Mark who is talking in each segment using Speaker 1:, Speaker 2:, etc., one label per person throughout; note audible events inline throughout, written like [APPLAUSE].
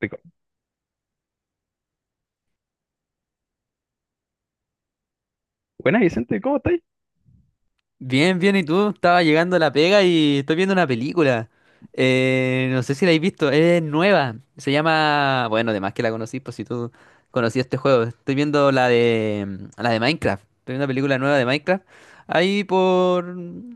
Speaker 1: Rico. Buenas, Vicente, ¿cómo estáis?
Speaker 2: Bien, bien, ¿y tú? Estaba llegando a la pega y estoy viendo una película. No sé si la habéis visto, es nueva. Se llama, bueno, además que la conocí, pues si tú conocías este juego. Estoy viendo la de la de Minecraft. Estoy viendo una película nueva de Minecraft. Ahí por,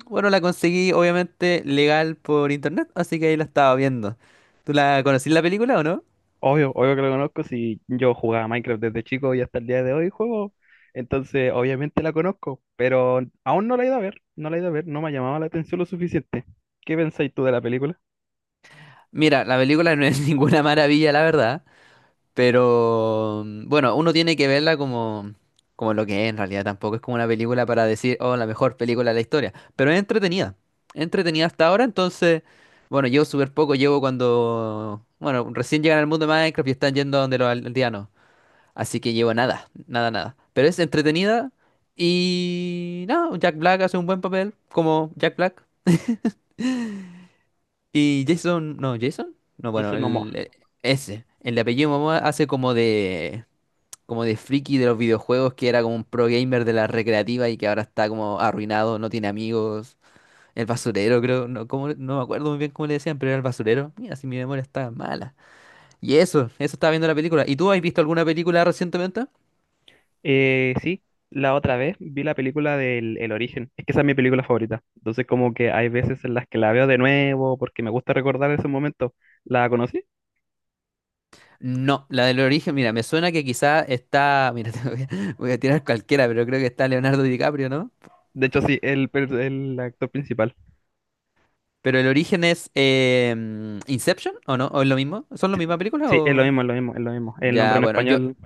Speaker 2: bueno, la conseguí obviamente legal por internet, así que ahí la estaba viendo. ¿Tú la conocís la película o no?
Speaker 1: Obvio, obvio que lo conozco. Si yo jugaba a Minecraft desde chico y hasta el día de hoy juego, entonces obviamente la conozco, pero aún no la he ido a ver, no la he ido a ver, no me ha llamado la atención lo suficiente. ¿Qué pensáis tú de la película?
Speaker 2: Mira, la película no es [LAUGHS] ninguna maravilla, la verdad. Pero bueno, uno tiene que verla como, como lo que es en realidad. Tampoco es como una película para decir, oh, la mejor película de la historia. Pero es entretenida. Entretenida hasta ahora. Entonces, bueno, llevo súper poco llevo cuando, bueno, recién llegan al mundo de Minecraft y están yendo a donde los aldeanos. Así que llevo nada, nada, nada. Pero es entretenida. Y nada, Jack Black hace un buen papel como Jack Black. Y Jason. No, bueno,
Speaker 1: Jason Momoa.
Speaker 2: el, ese. El de apellido Momoa hace como de friki de los videojuegos que era como un pro gamer de la recreativa y que ahora está como arruinado, no tiene amigos, el basurero creo, no, como, no me acuerdo muy bien cómo le decían, pero era el basurero. Mira, si mi memoria está mala. Y eso estaba viendo la película. ¿Y tú has visto alguna película recientemente?
Speaker 1: Sí, la otra vez vi la película del El Origen. Es que esa es mi película favorita. Entonces, como que hay veces en las que la veo de nuevo porque me gusta recordar ese momento. ¿La conocí?
Speaker 2: No, la del origen, mira, me suena que quizá está, mira, [LAUGHS] te voy a, voy a tirar cualquiera, pero creo que está Leonardo DiCaprio, ¿no?
Speaker 1: De hecho, sí, el, el actor principal.
Speaker 2: Pero el origen es Inception, ¿o no? ¿O es lo mismo? ¿Son la misma película
Speaker 1: Sí, es lo
Speaker 2: o...?
Speaker 1: mismo, es lo mismo. El nombre
Speaker 2: Ya,
Speaker 1: en
Speaker 2: bueno, yo,
Speaker 1: español,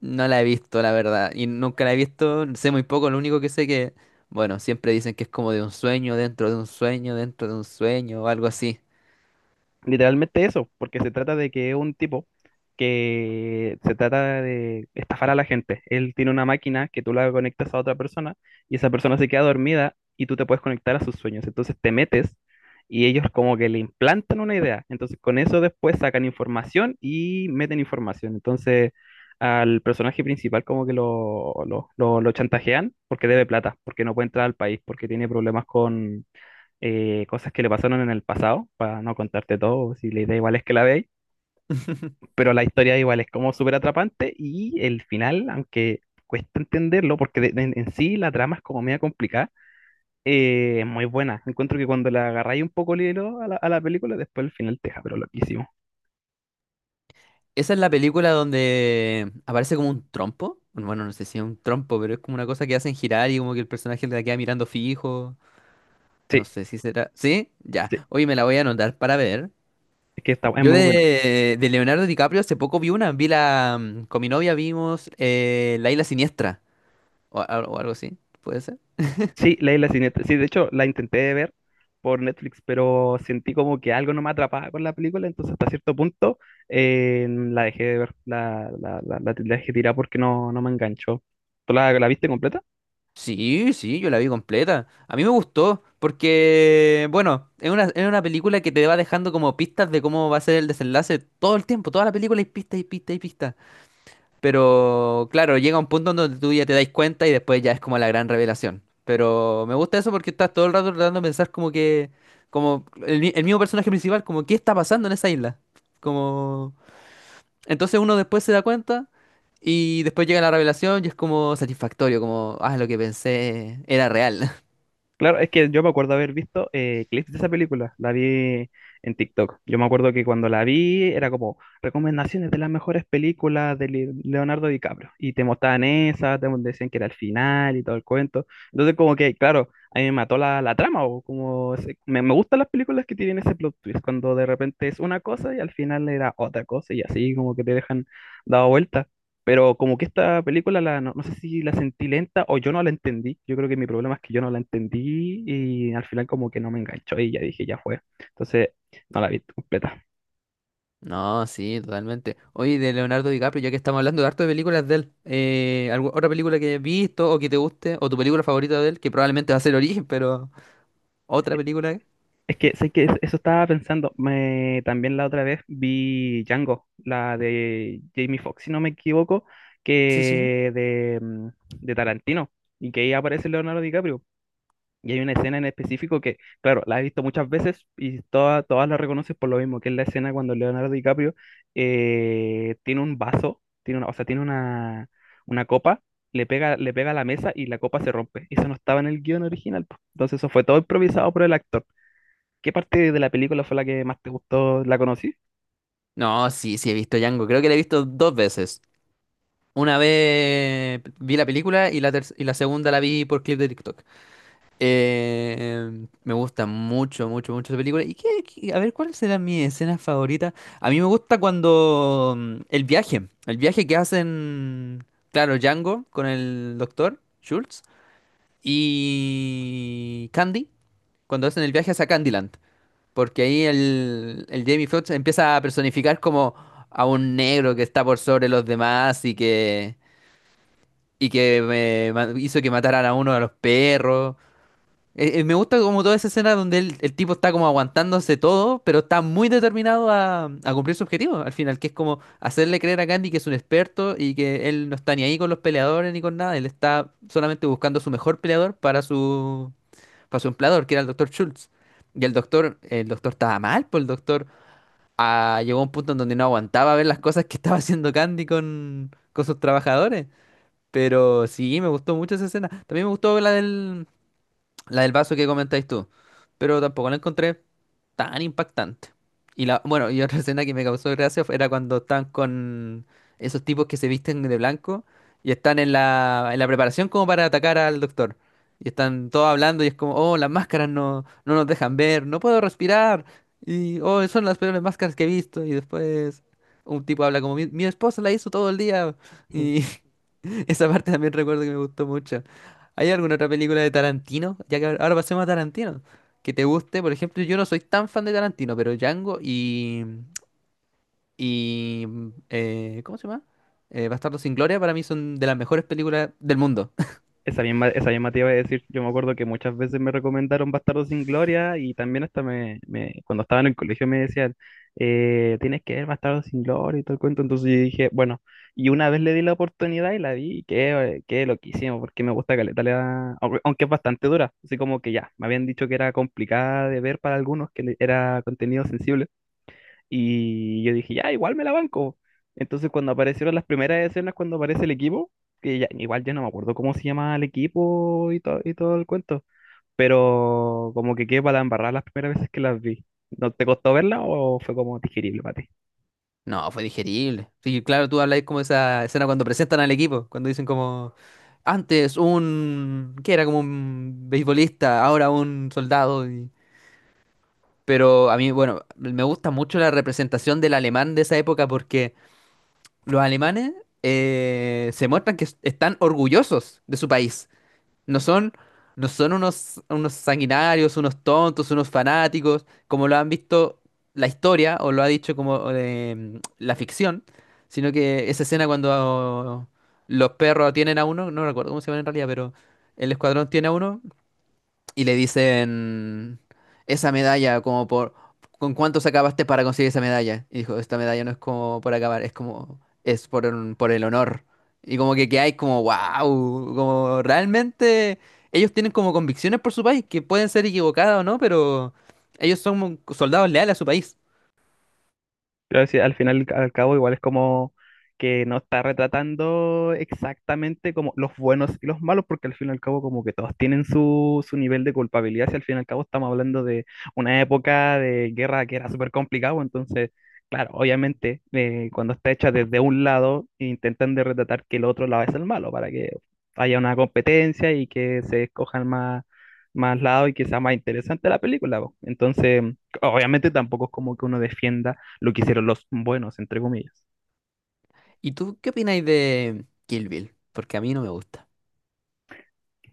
Speaker 2: no la he visto, la verdad, y nunca la he visto, sé muy poco, lo único que sé que, bueno, siempre dicen que es como de un sueño, dentro de un sueño, dentro de un sueño, o algo así.
Speaker 1: literalmente eso, porque se trata de que es un tipo que se trata de estafar a la gente. Él tiene una máquina que tú la conectas a otra persona y esa persona se queda dormida y tú te puedes conectar a sus sueños. Entonces te metes y ellos como que le implantan una idea. Entonces con eso después sacan información y meten información. Entonces al personaje principal como que lo chantajean porque debe plata, porque no puede entrar al país, porque tiene problemas con cosas que le pasaron en el pasado, para no contarte todo, si la idea igual es que la veáis,
Speaker 2: [LAUGHS]
Speaker 1: pero la historia igual es como súper atrapante y el final, aunque cuesta entenderlo, porque en sí la trama es como media complicada, es muy buena. Encuentro que cuando le agarráis un poco el hilo a a la película, después el final te deja, pero loquísimo.
Speaker 2: Esa es la película donde aparece como un trompo, bueno, no sé si es un trompo, pero es como una cosa que hacen girar y como que el personaje la queda mirando fijo, no
Speaker 1: Sí,
Speaker 2: sé si será, ¿sí? Ya,
Speaker 1: sí,
Speaker 2: hoy me la voy a anotar para ver.
Speaker 1: es
Speaker 2: Yo
Speaker 1: muy bueno.
Speaker 2: de Leonardo DiCaprio hace poco vi una, vi la, con mi novia vimos La Isla Siniestra, o, o algo así, ¿puede ser?
Speaker 1: Sí, leí la siguiente. Sí, de hecho, la intenté ver por Netflix, pero sentí como que algo no me atrapaba con la película, entonces hasta cierto punto la dejé de ver, la dejé tirar porque no, no me enganchó. ¿Tú la viste completa?
Speaker 2: Sí, sí, yo la vi completa. A mí me gustó porque, bueno, es una película que te va dejando como pistas de cómo va a ser el desenlace todo el tiempo, toda la película hay pistas y pistas y pistas. Pero claro, llega un punto donde tú ya te das cuenta y después ya es como la gran revelación. Pero me gusta eso porque estás todo el rato tratando de pensar como que, como el, el mismo personaje principal, como qué está pasando en esa isla. Como... entonces uno después se da cuenta y después llega la revelación y es como satisfactorio, como, ah, lo que pensé era real. [LAUGHS]
Speaker 1: Claro, es que yo me acuerdo haber visto clips de esa película, la vi en TikTok. Yo me acuerdo que cuando la vi era como recomendaciones de las mejores películas de Leonardo DiCaprio y te mostraban esa, te decían que era el final y todo el cuento. Entonces como que, claro, a mí me mató la trama o como me gustan las películas que tienen ese plot twist, cuando de repente es una cosa y al final era otra cosa y así como que te dejan dado vuelta. Pero como que esta película, no, no sé si la sentí lenta o yo no la entendí. Yo creo que mi problema es que yo no la entendí y al final como que no me enganchó y ya dije, ya fue. Entonces, no la vi completa.
Speaker 2: No, sí, totalmente. Oye, de Leonardo DiCaprio, ya que estamos hablando de harto de películas de él, otra película que hayas visto o que te guste, o tu película favorita de él, que probablemente va a ser Origen, [LAUGHS] pero otra película?
Speaker 1: Es que sé que eso estaba pensando. Me, también la otra vez vi Django, la de Jamie Foxx, si no me equivoco,
Speaker 2: Sí, sí.
Speaker 1: que de Tarantino y que ahí aparece Leonardo DiCaprio. Y hay una escena en específico que, claro, la he visto muchas veces y todas la reconoces por lo mismo, que es la escena cuando Leonardo DiCaprio tiene un vaso, tiene una, o sea, tiene una copa, le pega a la mesa y la copa se rompe. Eso no estaba en el guión original. Po. Entonces eso fue todo improvisado por el actor. ¿Qué parte de la película fue la que más te gustó, la conocí?
Speaker 2: No, sí, sí, he visto Django. Creo que la he visto dos veces. Una vez vi la película y la, y la segunda la vi por clip de TikTok. Me gusta mucho, mucho, mucho esa película. ¿Y qué, qué- A ver, ¿cuál será mi escena favorita? A mí me gusta cuando el viaje que hacen, claro, Django con el doctor Schultz y Candy, cuando hacen el viaje hacia Candyland, porque ahí el Jamie Foxx empieza a personificar como a un negro que está por sobre los demás y que hizo que mataran a uno de los perros. Me gusta como toda esa escena donde el tipo está como aguantándose todo, pero está muy determinado a cumplir su objetivo al final, que es como hacerle creer a Candy que es un experto y que él no está ni ahí con los peleadores ni con nada, él está solamente buscando su mejor peleador para su empleador, que era el doctor Schultz. Y el doctor estaba mal, pues el doctor ah, llegó a un punto en donde no aguantaba ver las cosas que estaba haciendo Candy con sus trabajadores. Pero sí, me gustó mucho esa escena. También me gustó la del vaso que comentáis tú. Pero tampoco la encontré tan impactante. Y la, bueno, y otra [LAUGHS] escena que me causó gracia era cuando están con esos tipos que se visten de blanco y están en la preparación como para atacar al doctor. Y están todos hablando y es como, oh, las máscaras no, no nos dejan ver, no puedo respirar. Y, oh, son las peores máscaras que he visto. Y después un tipo habla como, mi esposa la hizo todo el día. Y [LAUGHS] esa parte también recuerdo que me gustó mucho. ¿Hay alguna otra película de Tarantino? Ya que ahora pasemos a Tarantino. Que te guste, por ejemplo, yo no soy tan fan de Tarantino, pero Django y ¿cómo se llama? Bastardos sin Gloria para mí son de las mejores películas del mundo. [LAUGHS]
Speaker 1: Esa misma te iba a decir, yo me acuerdo que muchas veces me recomendaron Bastardo sin Gloria y también hasta cuando estaba en el colegio me decían, tienes que ver Bastardo sin Gloria y todo el cuento, entonces yo dije, bueno, y una vez le di la oportunidad y la vi, y qué loquísimo, porque me gusta Caleta, aunque aunque es bastante dura, así como que ya, me habían dicho que era complicada de ver para algunos, que era contenido sensible. Y yo dije, ya, igual me la banco. Entonces, cuando aparecieron las primeras escenas, cuando aparece el equipo, que ya, igual ya no me acuerdo cómo se llama el equipo y, todo el cuento, pero como que quedé para la embarrada las primeras veces que las vi. ¿No te costó verla o fue como digerible para ti?
Speaker 2: No, fue digerible. Sí, claro, tú habláis como esa escena cuando presentan al equipo, cuando dicen como, antes un, que era como un beisbolista, ahora un soldado. Y- Pero a mí, bueno, me gusta mucho la representación del alemán de esa época porque los alemanes se muestran están orgullosos de su país. No son, no son unos, unos sanguinarios, unos tontos, unos fanáticos, como lo han visto la historia o lo ha dicho como la ficción, sino que esa escena cuando los perros tienen a uno, no recuerdo cómo se llama en realidad, pero el escuadrón tiene a uno y le dicen esa medalla como por ¿con cuánto acabaste para conseguir esa medalla? Y dijo, esta medalla no es como por acabar, es como es por el honor. Y como que hay como wow, como realmente ellos tienen como convicciones por su país que pueden ser equivocadas o no, pero ellos son soldados leales a su país.
Speaker 1: Pero sí, al final, al cabo, igual es como que no está retratando exactamente como los buenos y los malos, porque al fin y al cabo como que todos tienen su nivel de culpabilidad, si al fin y al cabo estamos hablando de una época de guerra que era súper complicado, entonces, claro, obviamente cuando está hecha desde un lado, intentan de retratar que el otro lado es el malo, para que haya una competencia y que se escojan más, más lados y que sea más interesante la película. Po. Entonces, obviamente tampoco es como que uno defienda lo que hicieron los buenos, entre comillas.
Speaker 2: ¿Y tú qué opináis de Kill Bill? Porque a mí no me gusta.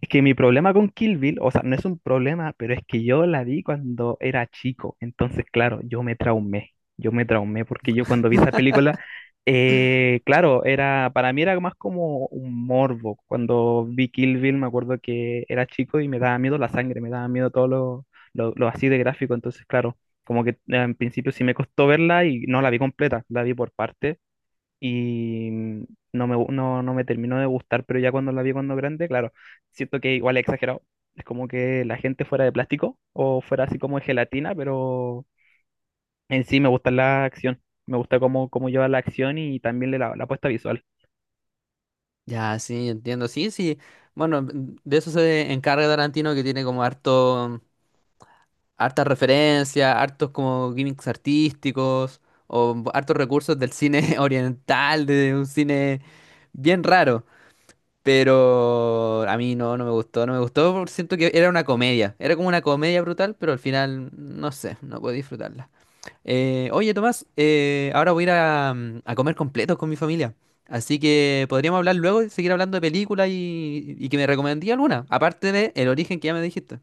Speaker 1: Es que mi problema con Kill Bill, o sea, no es un problema, pero es que yo la vi cuando era chico. Entonces, claro, yo me traumé. Yo me traumé porque yo cuando vi esa película, claro, era, para mí era más como un morbo. Cuando vi Kill Bill, me acuerdo que era chico y me daba miedo la sangre, me daba miedo todo lo así de gráfico. Entonces, claro, como que en principio sí me costó verla y no la vi completa, la vi por parte y no me, no me terminó de gustar, pero ya cuando la vi cuando grande, claro, siento que igual es exagerado. Es como que la gente fuera de plástico o fuera así como de gelatina, pero en sí me gusta la acción. Me gusta cómo, cómo lleva la acción y también le la, la puesta visual.
Speaker 2: Ya, sí, entiendo. Sí, sí. Bueno, de eso se encarga Tarantino que tiene como harto hartas referencias, hartos como gimmicks artísticos, o hartos recursos del cine [LAUGHS] oriental, de un cine bien raro. Pero a mí no, no me gustó, no me gustó, porque siento que era una comedia. Era como una comedia brutal, pero al final, no sé, no puedo disfrutarla. Oye, Tomás, ahora voy a ir a, a comer completos con mi familia. Así que podríamos hablar luego y seguir hablando de películas y que me recomendí alguna, aparte de El origen que ya me dijiste.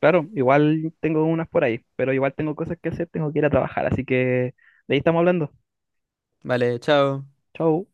Speaker 1: Claro, igual tengo unas por ahí, pero igual tengo cosas que hacer, tengo que ir a trabajar, así que de ahí estamos hablando.
Speaker 2: Vale, chao.
Speaker 1: Chau.